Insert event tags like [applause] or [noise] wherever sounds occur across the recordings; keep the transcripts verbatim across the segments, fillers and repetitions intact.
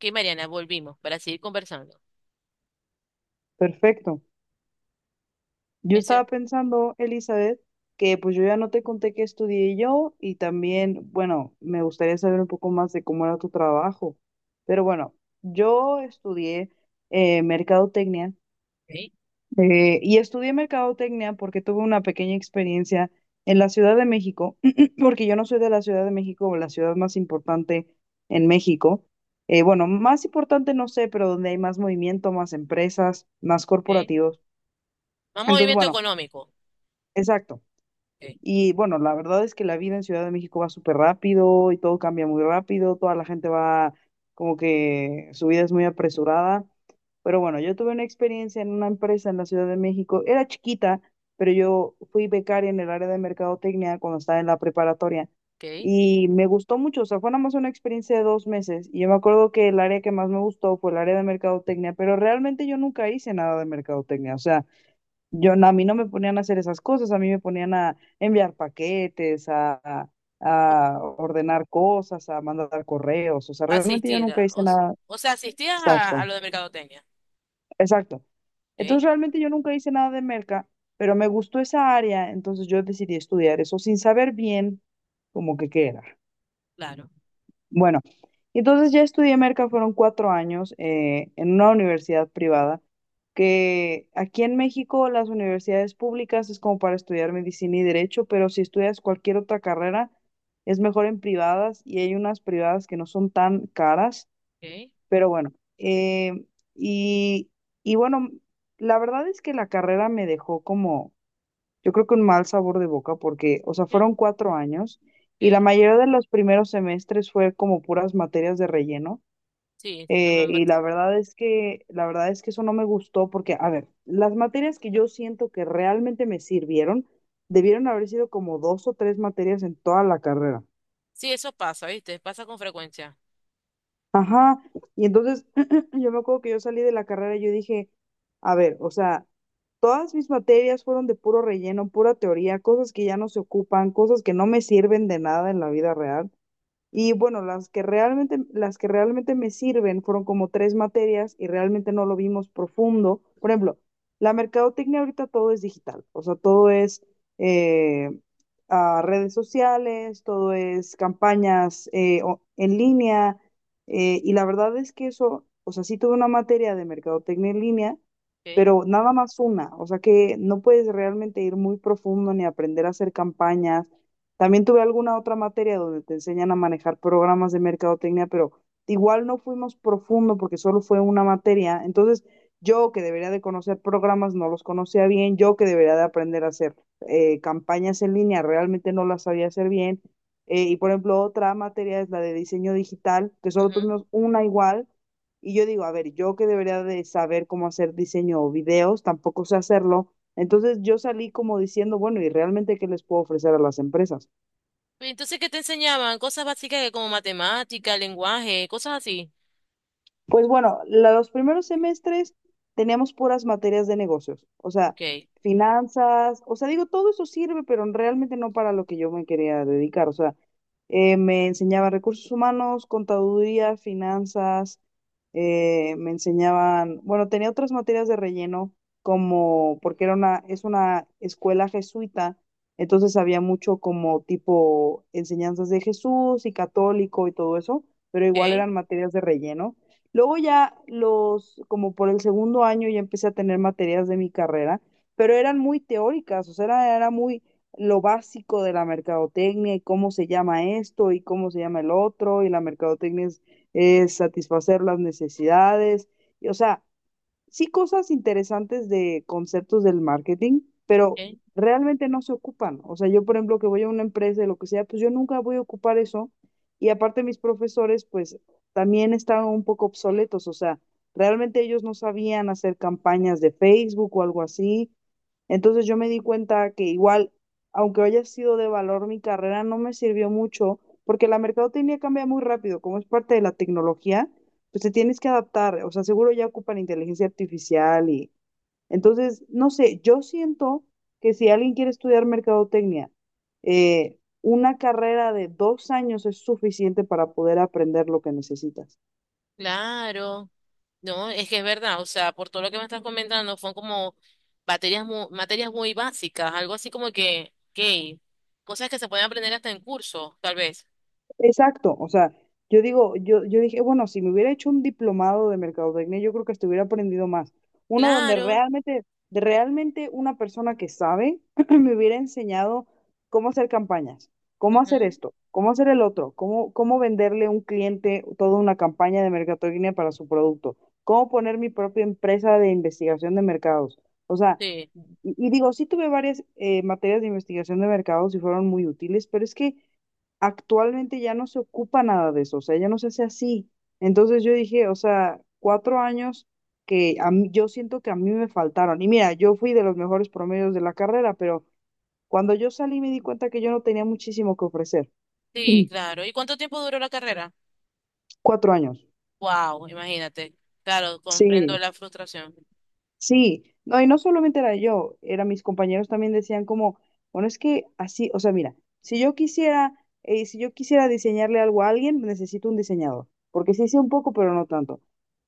Que Mariana, volvimos para seguir conversando. Perfecto. Yo Menciona. estaba pensando, Elizabeth, que pues yo ya no te conté que estudié yo y también, bueno, me gustaría saber un poco más de cómo era tu trabajo. Pero bueno, yo estudié eh, mercadotecnia, ¿Ok? eh, y estudié mercadotecnia porque tuve una pequeña experiencia en la Ciudad de México, [clears throat] porque yo no soy de la Ciudad de México o la ciudad más importante en México. Eh, bueno, más importante no sé, pero donde hay más movimiento, más empresas, más ¿Ok? corporativos. Más Entonces, movimiento bueno. económico. Exacto. ¿Ok? Y bueno, la verdad es que la vida en Ciudad de México va súper rápido y todo cambia muy rápido, toda la gente va como que su vida es muy apresurada. Pero bueno, yo tuve una experiencia en una empresa en la Ciudad de México, era chiquita, pero yo fui becaria en el área de mercadotecnia cuando estaba en la preparatoria ¿Ok? y me gustó mucho, o sea, fue nada más una experiencia de dos meses y yo me acuerdo que el área que más me gustó fue el área de mercadotecnia, pero realmente yo nunca hice nada de mercadotecnia, o sea... Yo, no, a mí no me ponían a hacer esas cosas, a mí me ponían a enviar paquetes, a, a O- a ordenar cosas, a mandar correos, o sea, realmente yo asistir nunca a- hice o, s- nada. o sea, asistías a, a Exacto, lo de mercadotecnia. exacto. ¿Ok? Entonces realmente yo nunca hice nada de merca, pero me gustó esa área, entonces yo decidí estudiar eso sin saber bien como que qué era. Claro. Bueno, entonces ya estudié merca, fueron cuatro años eh, en una universidad privada, que aquí en México las universidades públicas es como para estudiar medicina y derecho, pero si estudias cualquier otra carrera es mejor en privadas y hay unas privadas que no son tan caras, ¿Ok? pero bueno, eh, y, y bueno, la verdad es que la carrera me dejó como yo creo que un mal sabor de boca porque, o sea, ¿Ok? fueron cuatro años y la ¿Ok? mayoría de los primeros semestres fue como puras materias de relleno. Sí, eh, Norman Y la Bat- verdad es que, la verdad es que eso no me gustó porque, a ver, las materias que yo siento que realmente me sirvieron, debieron haber sido como dos o tres materias en toda la carrera. sí, eso pasa, ¿viste? Pasa con frecuencia. Ajá, y entonces [clears throat] yo me acuerdo que yo salí de la carrera y yo dije, a ver, o sea, todas mis materias fueron de puro relleno, pura teoría, cosas que ya no se ocupan, cosas que no me sirven de nada en la vida real. Y bueno, las que realmente, las que realmente me sirven fueron como tres materias y realmente no lo vimos profundo. Por ejemplo, la mercadotecnia ahorita todo es digital, o sea, todo es eh, a redes sociales, todo es campañas eh, o- en línea. Eh, y la verdad es que eso, o sea, sí tuve una materia de mercadotecnia en línea, ¿Ok? pero nada más una, o sea que no puedes realmente ir muy profundo ni aprender a hacer campañas. También tuve alguna otra materia donde te enseñan a manejar programas de mercadotecnia, pero igual no fuimos profundo porque solo fue una materia. Entonces, yo que debería de conocer programas no los conocía bien, yo que debería de aprender a hacer eh, campañas en línea realmente no las sabía hacer bien. Eh, y por ejemplo, otra materia es la de diseño digital, que solo Ujú. tuvimos una igual. Y yo digo, a ver, yo que debería de saber cómo hacer diseño o videos, tampoco sé hacerlo. Entonces yo salí como diciendo, bueno, ¿y realmente qué les puedo ofrecer a las empresas? Y entonces, ¿qué te enseñaban? Cosas básicas que como matemática, lenguaje, cosas así. Pues bueno, la- los primeros semestres teníamos puras materias de negocios, o sea, Ok. finanzas, o sea, digo, todo eso sirve, pero realmente no para lo que yo me quería dedicar, o sea, eh, me enseñaban recursos humanos, contaduría, finanzas, eh, me enseñaban, bueno, tenía otras materias de relleno, como, porque era una, es una escuela jesuita, entonces había mucho como tipo enseñanzas de Jesús y católico y todo eso, pero igual ¿Ok? eran materias de relleno. Luego ya los, como por el segundo año ya empecé a tener materias de mi carrera, pero eran muy teóricas, o sea, era, era muy lo básico de la mercadotecnia y cómo se llama esto y cómo se llama el otro, y la mercadotecnia es, es satisfacer las necesidades, y, o sea, sí cosas interesantes de conceptos del marketing, pero ¿Ok? realmente no se ocupan. O sea, yo, por ejemplo, que voy a una empresa y lo que sea, pues yo nunca voy a ocupar eso. Y aparte mis profesores, pues también estaban un poco obsoletos. O sea, realmente ellos no sabían hacer campañas de Facebook o algo así. Entonces yo me di cuenta que igual, aunque haya sido de valor mi carrera, no me sirvió mucho porque la mercadotecnia cambia muy rápido, como es parte de la tecnología pues te tienes que adaptar, o sea, seguro ya ocupan inteligencia artificial y entonces, no sé, yo siento que si alguien quiere estudiar mercadotecnia, eh, una carrera de dos años es suficiente para poder aprender lo que necesitas. Claro. No, es que es verdad, o sea, por todo lo que me estás comentando, son como materias muy, materias muy básicas, algo así como que, que cosas que se pueden aprender hasta en curso, tal vez. Exacto, o sea, yo digo, yo, yo dije, bueno, si me hubiera hecho un diplomado de mercadotecnia, yo creo que estuviera aprendido más. Uno donde Claro, realmente, de- realmente una persona que sabe [clears throat] me hubiera enseñado cómo hacer campañas, cómo hacer ujú, esto, cómo hacer el otro, cómo, cómo venderle a un cliente toda una campaña de mercadotecnia para su producto, cómo poner mi propia empresa de investigación de mercados. O sea, sí, y, y digo, sí tuve varias eh, materias de investigación de mercados y fueron muy útiles, pero es que actualmente ya no se ocupa nada de eso, o sea, ya no se hace así. Entonces yo dije, o sea, cuatro años que a mí- yo siento que a mí me faltaron. Y mira, yo fui de los mejores promedios de la carrera, pero cuando yo salí me di cuenta que yo no tenía muchísimo que ofrecer. [clears throat] sí, claro. ¿Y cuánto tiempo duró la carrera? Cuatro años. Wow, imagínate. Claro, comprendo Sí. la frustración. Sí, no, y no solamente era yo, era mis compañeros también decían como, bueno, es que así, o sea, mira, si yo quisiera, eh, si yo quisiera diseñarle algo a alguien, necesito un diseñador, porque sí sé un poco, pero no tanto.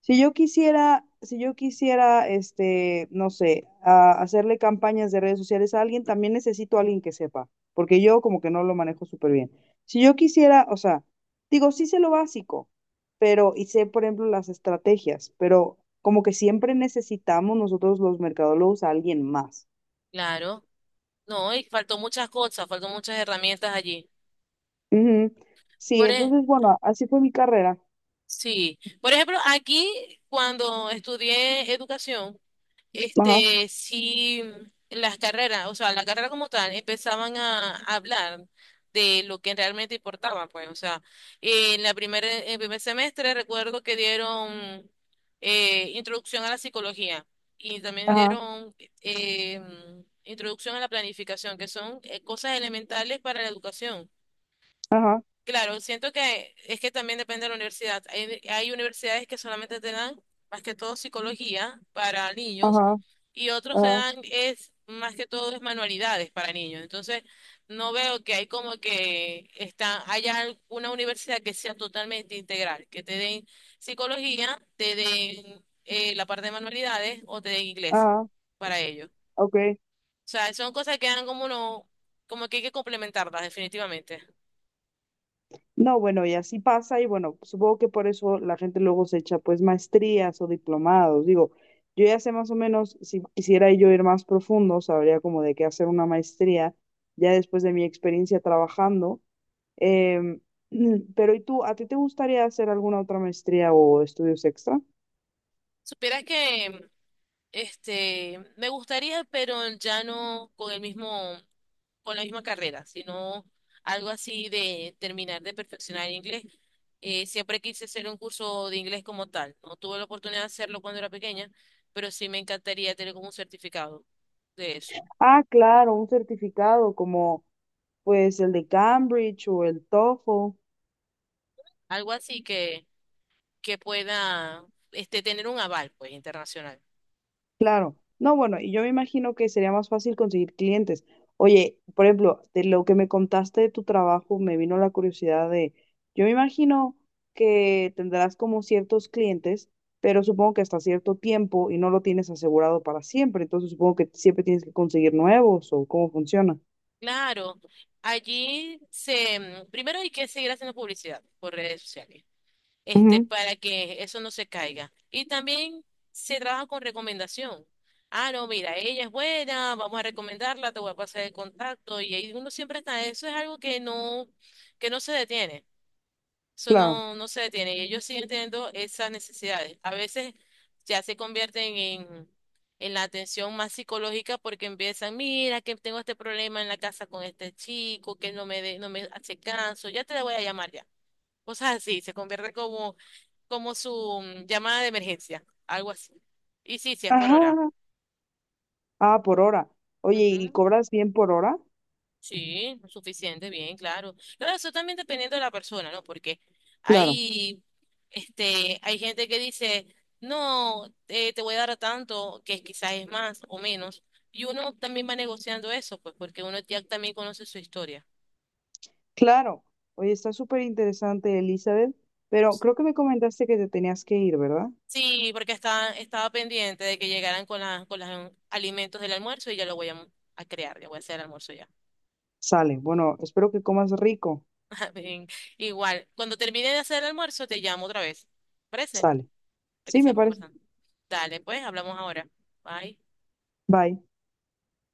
Si yo quisiera, si yo quisiera, este, no sé, a- hacerle campañas de redes sociales a alguien, también necesito a alguien que sepa, porque yo como que no lo manejo súper bien. Si yo quisiera, o sea, digo, sí sé lo básico, pero, y sé, por ejemplo, las estrategias, pero como que siempre necesitamos nosotros los mercadólogos a alguien más. Claro, no, y faltó muchas cosas, faltó muchas herramientas allí. Ujú. Sí, Por, e- entonces, bueno, así fue mi carrera. sí, por ejemplo, aquí cuando estudié educación, Ajá, este, sí, las carreras, o sea, la carrera como tal, empezaban a, a hablar de lo que realmente importaba, pues, o sea, en la primera, en el primer semestre recuerdo que dieron eh, introducción a la psicología y también ajá, dieron eh, introducción a la planificación, que son eh, cosas elementales para la educación. ajá, Claro, siento que es que también depende de la universidad. Hay, hay universidades que solamente te dan más que todo psicología para niños ajá, y otros te ajá, dan es más que todo es manualidades para niños. Entonces, no veo que hay como que está, haya al- una universidad que sea totalmente integral, que te den psicología, te den eh, la parte de manualidades o te den inglés ajá, para ellos. ok. O sea, son cosas que dan como uno, como que hay que complementarlas definitivamente. No, bueno, y así pasa, y bueno, supongo que por eso la gente luego se echa pues maestrías o diplomados. Digo, yo ya sé más o menos, si quisiera yo ir más profundo, sabría como de qué hacer una maestría, ya después de mi experiencia trabajando. Em, [clears throat] pero ¿y tú, a ti te gustaría hacer alguna otra maestría o estudios extra? Supieras que este, me gustaría, pero ya no con el mismo, con la misma carrera, sino algo así de terminar de perfeccionar el inglés. Eh, siempre quise hacer un curso de inglés como tal. No tuve la oportunidad de hacerlo cuando era pequeña, pero sí me encantaría tener como un certificado de eso. Ah, claro, un certificado como pues el de Cambridge o el TOEFL. Algo así que, que pueda, este, tener un aval, pues, internacional. Claro. No, bueno, y yo me imagino que sería más fácil conseguir clientes. Oye, por ejemplo, de lo que me contaste de tu trabajo, me vino la curiosidad de, yo me imagino que tendrás como ciertos clientes, pero supongo que hasta cierto tiempo y no lo tienes asegurado para siempre, entonces supongo que siempre tienes que conseguir nuevos o cómo funciona. Claro, allí se, primero hay que seguir haciendo publicidad por redes sociales. Este, Ujú, para que eso no se caiga. Y también se trabaja con recomendación. Ah, no, mira, ella es buena, vamos a recomendarla, te voy a pasar el contacto. Y ahí uno siempre está, eso es algo que no, que no se detiene. Eso claro. no, no se detiene. Y ellos siguen teniendo esas necesidades. A veces ya se convierten en, en la atención más psicológica porque empiezan, mira, que tengo este problema en la casa con este chico, que no me, de- no me hace caso, ya te la voy a llamar ya cosas así, se convierte como, como su mm, llamada de emergencia, algo así. Y sí, sí, es por hora. Ajá. Ah, por hora. Oye, ¿y Ujú, cobras bien por hora? sí, lo suficiente, bien, claro. Claro, eso también dependiendo de la persona, ¿no? Porque Claro, hay, este, hay gente que dice, no, eh, te voy a dar tanto, que quizás es más o menos. Y uno también va negociando eso, pues porque uno ya también conoce su historia. claro. Oye, está súper interesante, Elizabeth, pero creo que me comentaste que te tenías que ir, ¿verdad? Sí, porque estaba, estaba pendiente de que llegaran con, la, con los alimentos del almuerzo y ya lo voy a, mm, a crear, ya voy a hacer el almuerzo ya. Sale. Bueno, espero que comas rico. [laughs] Bien, igual, cuando termine de hacer el almuerzo te llamo otra vez. ¿Parece? Sale. Para que Sí, me sigamos parece. conversando. Dale, pues, hablamos ahora. Bye. Bye.